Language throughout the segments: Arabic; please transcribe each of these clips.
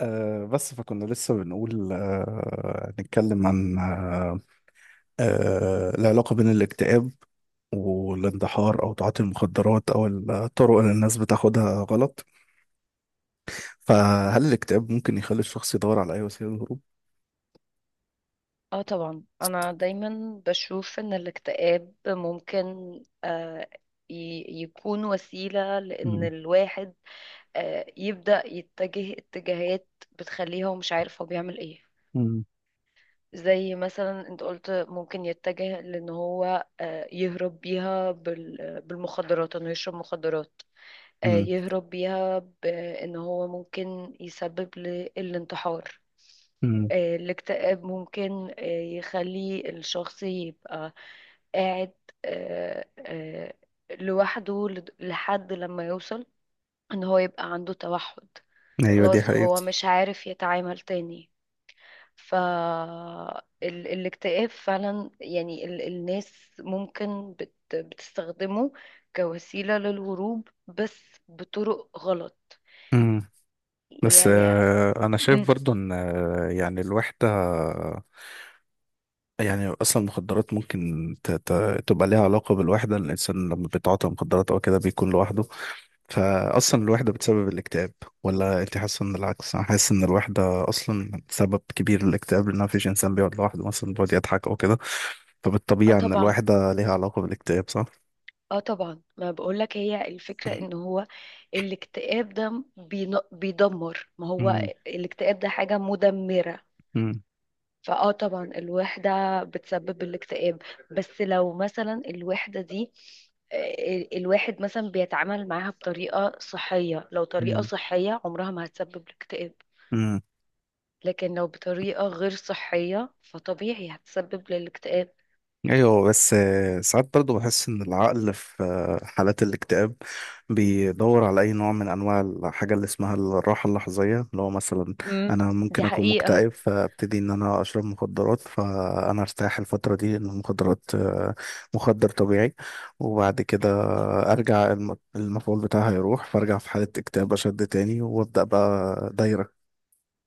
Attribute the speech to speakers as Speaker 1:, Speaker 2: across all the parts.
Speaker 1: بس فكنا لسه بنقول نتكلم عن العلاقة بين الاكتئاب والاندحار أو تعاطي المخدرات أو الطرق اللي الناس بتاخدها غلط. فهل الاكتئاب ممكن يخلي الشخص يدور على أي وسيلة للهروب؟
Speaker 2: اه طبعا انا دايما بشوف ان الاكتئاب ممكن آه، يكون وسيلة لان
Speaker 1: مم.
Speaker 2: الواحد يبدأ يتجه اتجاهات بتخليه هو مش عارف هو بيعمل ايه.
Speaker 1: مم.
Speaker 2: زي مثلا انت قلت ممكن يتجه لان هو يهرب بيها بالمخدرات، انه يشرب مخدرات.
Speaker 1: مم.
Speaker 2: يهرب بيها بان هو ممكن يسبب للانتحار.
Speaker 1: مم.
Speaker 2: الاكتئاب ممكن يخلي الشخص يبقى قاعد آه، آه، لوحده لحد لما يوصل ان هو يبقى عنده توحد.
Speaker 1: أيوة دي
Speaker 2: خلاص
Speaker 1: حقيقة.
Speaker 2: هو مش عارف يتعامل تاني. ف الاكتئاب فعلا يعني الناس ممكن بتستخدمه كوسيلة للهروب، بس بطرق غلط.
Speaker 1: مم. بس
Speaker 2: يعني آه،
Speaker 1: آه أنا
Speaker 2: م،
Speaker 1: شايف برضو إن الوحدة، يعني اصلا المخدرات ممكن تبقى ليها علاقه بالوحده. الانسان لما بيتعاطى مخدرات او كده بيكون لوحده، فاصلا الوحده بتسبب الاكتئاب، ولا انت حاسه ان العكس؟ انا حاسس ان الوحده اصلا سبب كبير للاكتئاب، لان مفيش انسان بيقعد لوحده مثلا بيقعد يضحك او كده.
Speaker 2: اه
Speaker 1: فبالطبيعه ان
Speaker 2: طبعا،
Speaker 1: الوحده ليها علاقه بالاكتئاب، صح؟
Speaker 2: اه طبعا، ما بقولك هي الفكرة ان هو الاكتئاب ده بيدمر. ما هو
Speaker 1: امم
Speaker 2: الاكتئاب ده حاجة مدمرة.
Speaker 1: امم
Speaker 2: فاه طبعا الوحدة بتسبب الاكتئاب. بس لو مثلا الوحدة دي الواحد مثلا بيتعامل معاها بطريقة صحية، لو طريقة صحية عمرها ما هتسبب الاكتئاب.
Speaker 1: امم
Speaker 2: لكن لو بطريقة غير صحية فطبيعي هتسبب للاكتئاب.
Speaker 1: ايوه. بس ساعات برضو بحس ان العقل في حالات الاكتئاب بيدور على اي نوع من انواع الحاجه اللي اسمها الراحه اللحظيه، اللي هو مثلا
Speaker 2: امم.
Speaker 1: انا ممكن
Speaker 2: دي
Speaker 1: اكون
Speaker 2: حقيقة.
Speaker 1: مكتئب فابتدي ان انا اشرب مخدرات، فانا ارتاح الفتره دي. ان المخدرات مخدر طبيعي، وبعد كده ارجع المفعول بتاعها يروح فارجع في حاله اكتئاب اشد تاني، وابدا بقى دايره.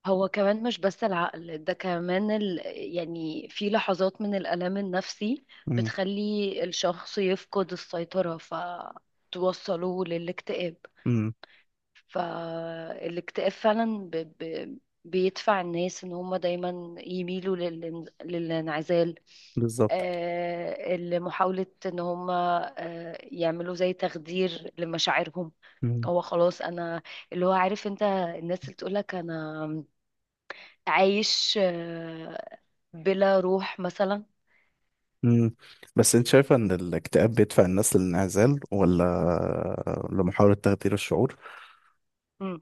Speaker 2: هو كمان مش بس العقل، ده كمان يعني في لحظات من الألم النفسي بتخلي الشخص يفقد السيطرة فتوصله للاكتئاب.
Speaker 1: امم.
Speaker 2: فالاكتئاب فعلا بيدفع الناس ان هم دايما يميلوا للانعزال،
Speaker 1: بالظبط.
Speaker 2: لمحاولة ان هم يعملوا زي تخدير لمشاعرهم. هو خلاص انا، اللي هو عارف انت الناس اللي تقولك انا عايش بلا روح مثلا.
Speaker 1: مم. بس انت شايفة ان الاكتئاب بيدفع الناس للانعزال، ولا لمحاولة تغيير الشعور؟
Speaker 2: امم.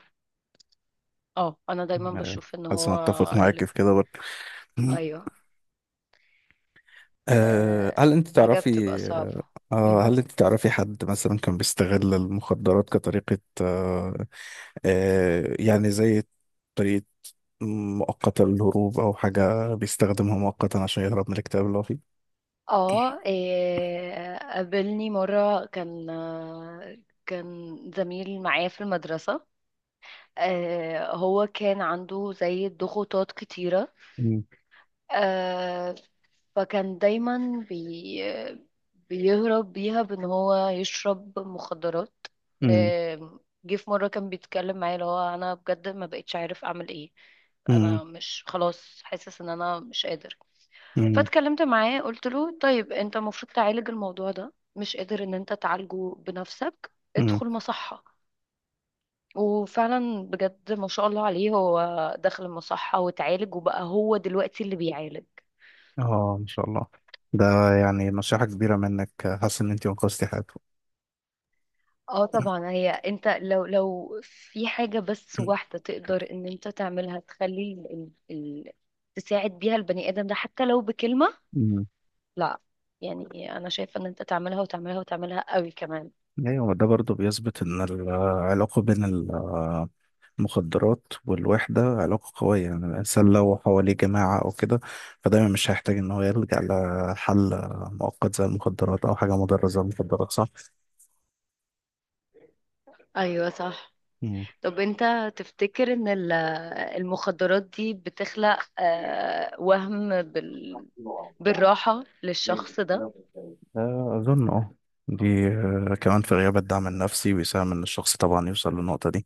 Speaker 2: اه، انا دايما
Speaker 1: آه،
Speaker 2: بشوف ان
Speaker 1: حاسس انا
Speaker 2: هو
Speaker 1: اتفق
Speaker 2: اللي
Speaker 1: معاك في كده برضه. مم.
Speaker 2: ايوه. آه،
Speaker 1: هل انت
Speaker 2: حاجه بتبقى
Speaker 1: تعرفي
Speaker 2: صعبه. امم.
Speaker 1: هل انت تعرفي حد مثلا كان بيستغل المخدرات كطريقة يعني زي طريقة مؤقتة للهروب، او حاجة بيستخدمها مؤقتا عشان يهرب من الاكتئاب اللي هو فيه؟
Speaker 2: اه، قابلني مره كان كان زميل معايا في المدرسه. هو كان عنده زي ضغوطات كتيره.
Speaker 1: مم.
Speaker 2: آه فكان دايما بيهرب بيها بان هو يشرب مخدرات.
Speaker 1: مم.
Speaker 2: آه جه في مرة كان بيتكلم معايا، اللي هو انا بجد ما بقتش عارف اعمل ايه.
Speaker 1: مم.
Speaker 2: انا مش، خلاص حاسس ان انا مش قادر.
Speaker 1: مم.
Speaker 2: فاتكلمت معاه قلت له طيب انت المفروض تعالج الموضوع ده، مش قادر ان انت تعالجه بنفسك،
Speaker 1: مم.
Speaker 2: ادخل مصحة. وفعلا بجد ما شاء الله عليه، هو دخل المصحة وتعالج وبقى هو دلوقتي اللي بيعالج.
Speaker 1: اه ان شاء الله. ده يعني نصيحة كبيرة منك. حاسس ان انت انقذتي حياته.
Speaker 2: اه طبعا، هي انت لو في حاجة بس واحدة تقدر ان انت تعملها، تخلي تساعد بيها البني ادم ده، حتى لو بكلمة.
Speaker 1: أمم.
Speaker 2: لا، يعني انا شايفة ان انت تعملها وتعملها وتعملها قوي كمان.
Speaker 1: ايوه ده برضو بيثبت ان العلاقة بين المخدرات والوحدة علاقة قوية. يعني الانسان لو حواليه جماعة او كده فدايما مش هيحتاج ان هو يلجأ لحل مؤقت زي المخدرات، او حاجة مضرة زي المخدرات، صح؟
Speaker 2: ايوه، صح.
Speaker 1: أمم.
Speaker 2: طب انت تفتكر ان المخدرات دي بتخلق وهم بالراحة للشخص ده؟
Speaker 1: أظن أه دي كمان في غياب الدعم النفسي بيساهم إن الشخص طبعا يوصل للنقطة دي.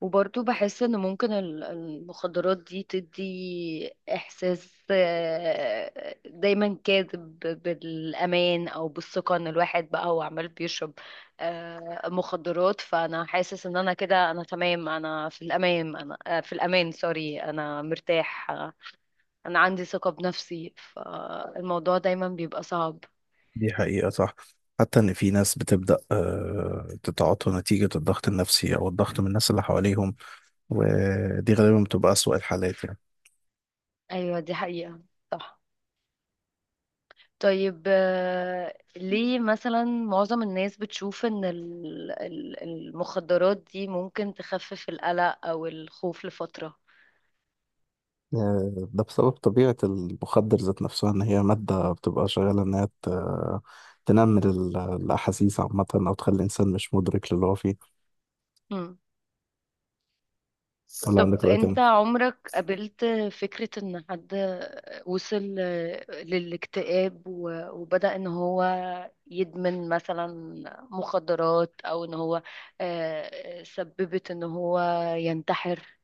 Speaker 2: وبرضه بحس ان ممكن المخدرات دي تدي احساس دايما كاذب بالامان او بالثقه، ان الواحد بقى هو عمال بيشرب مخدرات، فانا حاسس ان انا كده انا تمام، انا في الامان، انا في الامان، سوري، انا مرتاح. انا عندي ثقه بنفسي. فالموضوع دايما بيبقى صعب.
Speaker 1: دي حقيقة، صح. حتى إن في ناس بتبدأ تتعاطى نتيجة الضغط النفسي أو الضغط من الناس اللي حواليهم، ودي غالبا بتبقى أسوأ الحالات يعني.
Speaker 2: ايوه، دي حقيقه، صح. طيب، ليه مثلا معظم الناس بتشوف ان المخدرات دي ممكن تخفف القلق او الخوف لفترة؟
Speaker 1: ده بسبب طبيعة المخدر ذات نفسها، إن هي مادة بتبقى شغالة إن هي تنمل الأحاسيس عامة، أو تخلي الإنسان مش مدرك للي هو فيه.
Speaker 2: مم.
Speaker 1: ولا
Speaker 2: طب
Speaker 1: عندك رأي
Speaker 2: انت
Speaker 1: تاني؟
Speaker 2: عمرك قابلت فكرة ان حد وصل للاكتئاب و- وبدأ ان هو يدمن مثلا مخدرات، او ان هو سببت ان هو ينتحر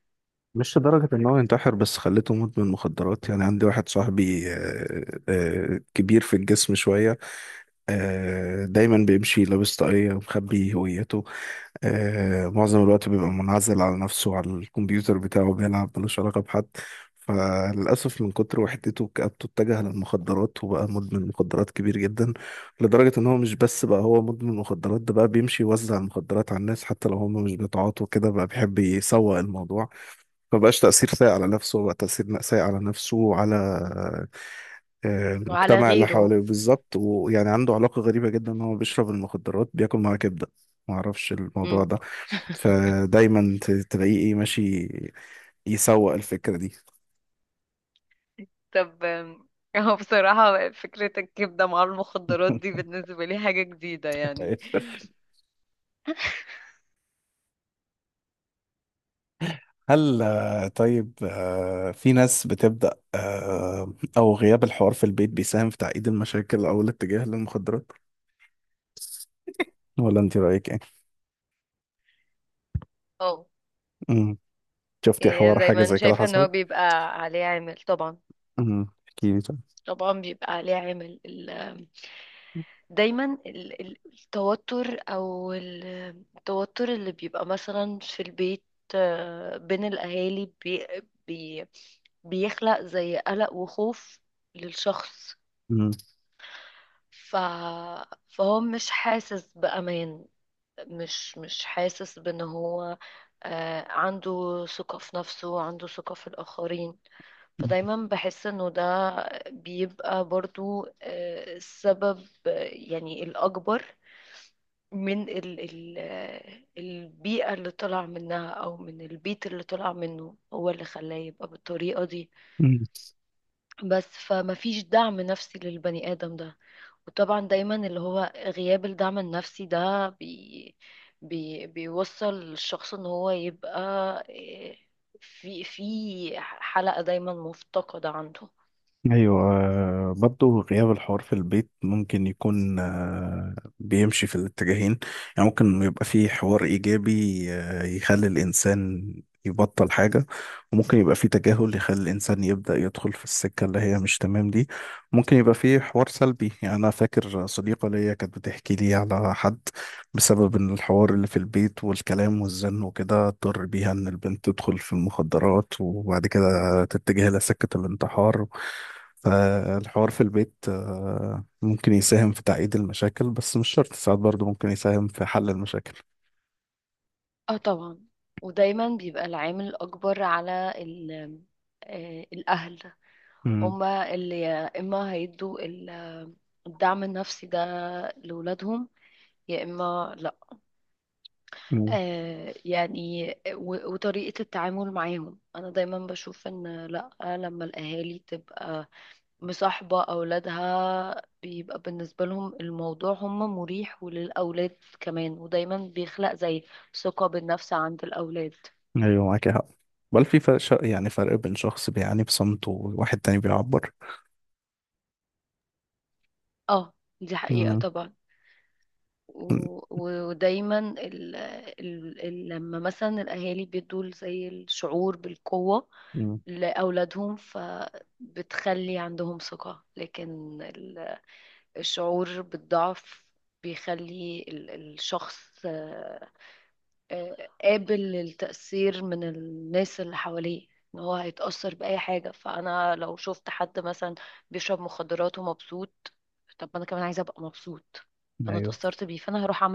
Speaker 1: مش لدرجة إن هو ينتحر، بس خليته مدمن مخدرات. يعني عندي واحد صاحبي كبير في الجسم شوية، دايما بيمشي لابس طاقية ومخبي هويته. معظم الوقت بيبقى منعزل على نفسه على الكمبيوتر بتاعه بيلعب، ملوش علاقة بحد. فللأسف من كتر وحدته وكآبته اتجه للمخدرات، وبقى مدمن مخدرات كبير جدا. لدرجة إن هو مش بس بقى هو مدمن مخدرات، ده بقى بيمشي يوزع المخدرات على الناس حتى لو هم مش بيتعاطوا كده، بقى بيحب يسوق الموضوع. ما بقاش تأثير سيء على نفسه هو، بقى تأثير سيء على نفسه وعلى
Speaker 2: على
Speaker 1: المجتمع اللي
Speaker 2: غيره؟
Speaker 1: حواليه بالظبط. ويعني عنده علاقة غريبة جدا ان هو بيشرب المخدرات بياكل معاها كبدة، ما اعرفش الموضوع ده. فدايما تلاقيه ايه ماشي يسوق الفكرة دي.
Speaker 2: طب هو بصراحة فكرة الكبدة مع المخدرات دي بالنسبة لي حاجة جديدة، يعني.
Speaker 1: هل في ناس بتبدأ او غياب الحوار في البيت بيساهم في تعقيد المشاكل او الاتجاه للمخدرات، ولا انت رأيك ايه؟
Speaker 2: اه،
Speaker 1: مم. شفتي
Speaker 2: يعني أنا
Speaker 1: حوار حاجة
Speaker 2: دايما
Speaker 1: زي كده
Speaker 2: شايفة ان هو
Speaker 1: حصلت؟
Speaker 2: بيبقى عليه عامل، طبعا.
Speaker 1: امم، احكي لي طيب.
Speaker 2: طبعا بيبقى عليه عامل ال- آم، دايما التوتر، او التوتر اللي بيبقى مثلا في البيت بين الاهالي، بي بي بيخلق زي قلق وخوف للشخص.
Speaker 1: امم.
Speaker 2: ف... فهو مش حاسس بأمان، مش حاسس بان هو عنده ثقة في نفسه، عنده ثقة في الآخرين. فدايما بحس انه ده بيبقى برضو السبب، يعني الأكبر، من ال ال آه، البيئة اللي طلع منها، أو من البيت اللي طلع منه، هو اللي خلاه يبقى بالطريقة دي.
Speaker 1: أمم.
Speaker 2: بس فمفيش دعم نفسي للبني آدم ده. وطبعا دايما اللي هو غياب الدعم النفسي ده بي بي بيوصل الشخص ان هو يبقى إيه، في حلقة دايما مفتقدة عنده.
Speaker 1: ايوه، برضه غياب الحوار في البيت ممكن يكون بيمشي في الاتجاهين. يعني ممكن يبقى فيه حوار ايجابي يخلي الانسان يبطل حاجة، وممكن يبقى فيه تجاهل يخلي الانسان يبدأ يدخل في السكة اللي هي مش تمام دي. ممكن يبقى فيه حوار سلبي، يعني انا فاكر صديقة ليا كانت بتحكي لي على حد بسبب ان الحوار اللي في البيت والكلام والزن وكده اضطر بيها ان البنت تدخل في المخدرات، وبعد كده تتجه لسكة الانتحار. فالحوار في البيت ممكن يساهم في تعقيد المشاكل، بس مش شرط، ساعات برضه ممكن يساهم في حل المشاكل.
Speaker 2: اه طبعا. ودايما بيبقى العامل الأكبر على الأهل،
Speaker 1: امم.
Speaker 2: هما اللي يا إما هيدوا الدعم النفسي ده لولادهم، يا إما لأ.
Speaker 1: أمم.
Speaker 2: يعني و- وطريقة التعامل معاهم، أنا دايما بشوف إن لأ، لما الأهالي تبقى مصاحبة أولادها، بيبقى بالنسبة لهم الموضوع هم مريح، وللأولاد كمان، ودايما بيخلق زي ثقة بالنفس عند الأولاد.
Speaker 1: ايوه معاك حق. بل في فرق يعني فرق بين شخص بيعاني بصمت وواحد تاني بيعبر.
Speaker 2: اه، دي حقيقة
Speaker 1: امم.
Speaker 2: طبعا. و- و- ودايما ال ال ال لما مثلا الأهالي بيدوا زي الشعور بالقوة
Speaker 1: أمم.
Speaker 2: لأولادهم، بتخلي عندهم ثقة. لكن الشعور بالضعف بيخلي الشخص قابل للتأثير من الناس اللي حواليه، ان هو هيتأثر بأي حاجة. فأنا لو شفت حد مثلا بيشرب مخدرات ومبسوط، طب ما أنا كمان عايزة أبقى مبسوط، فأنا
Speaker 1: ايوه
Speaker 2: اتأثرت بيه، فأنا هروح.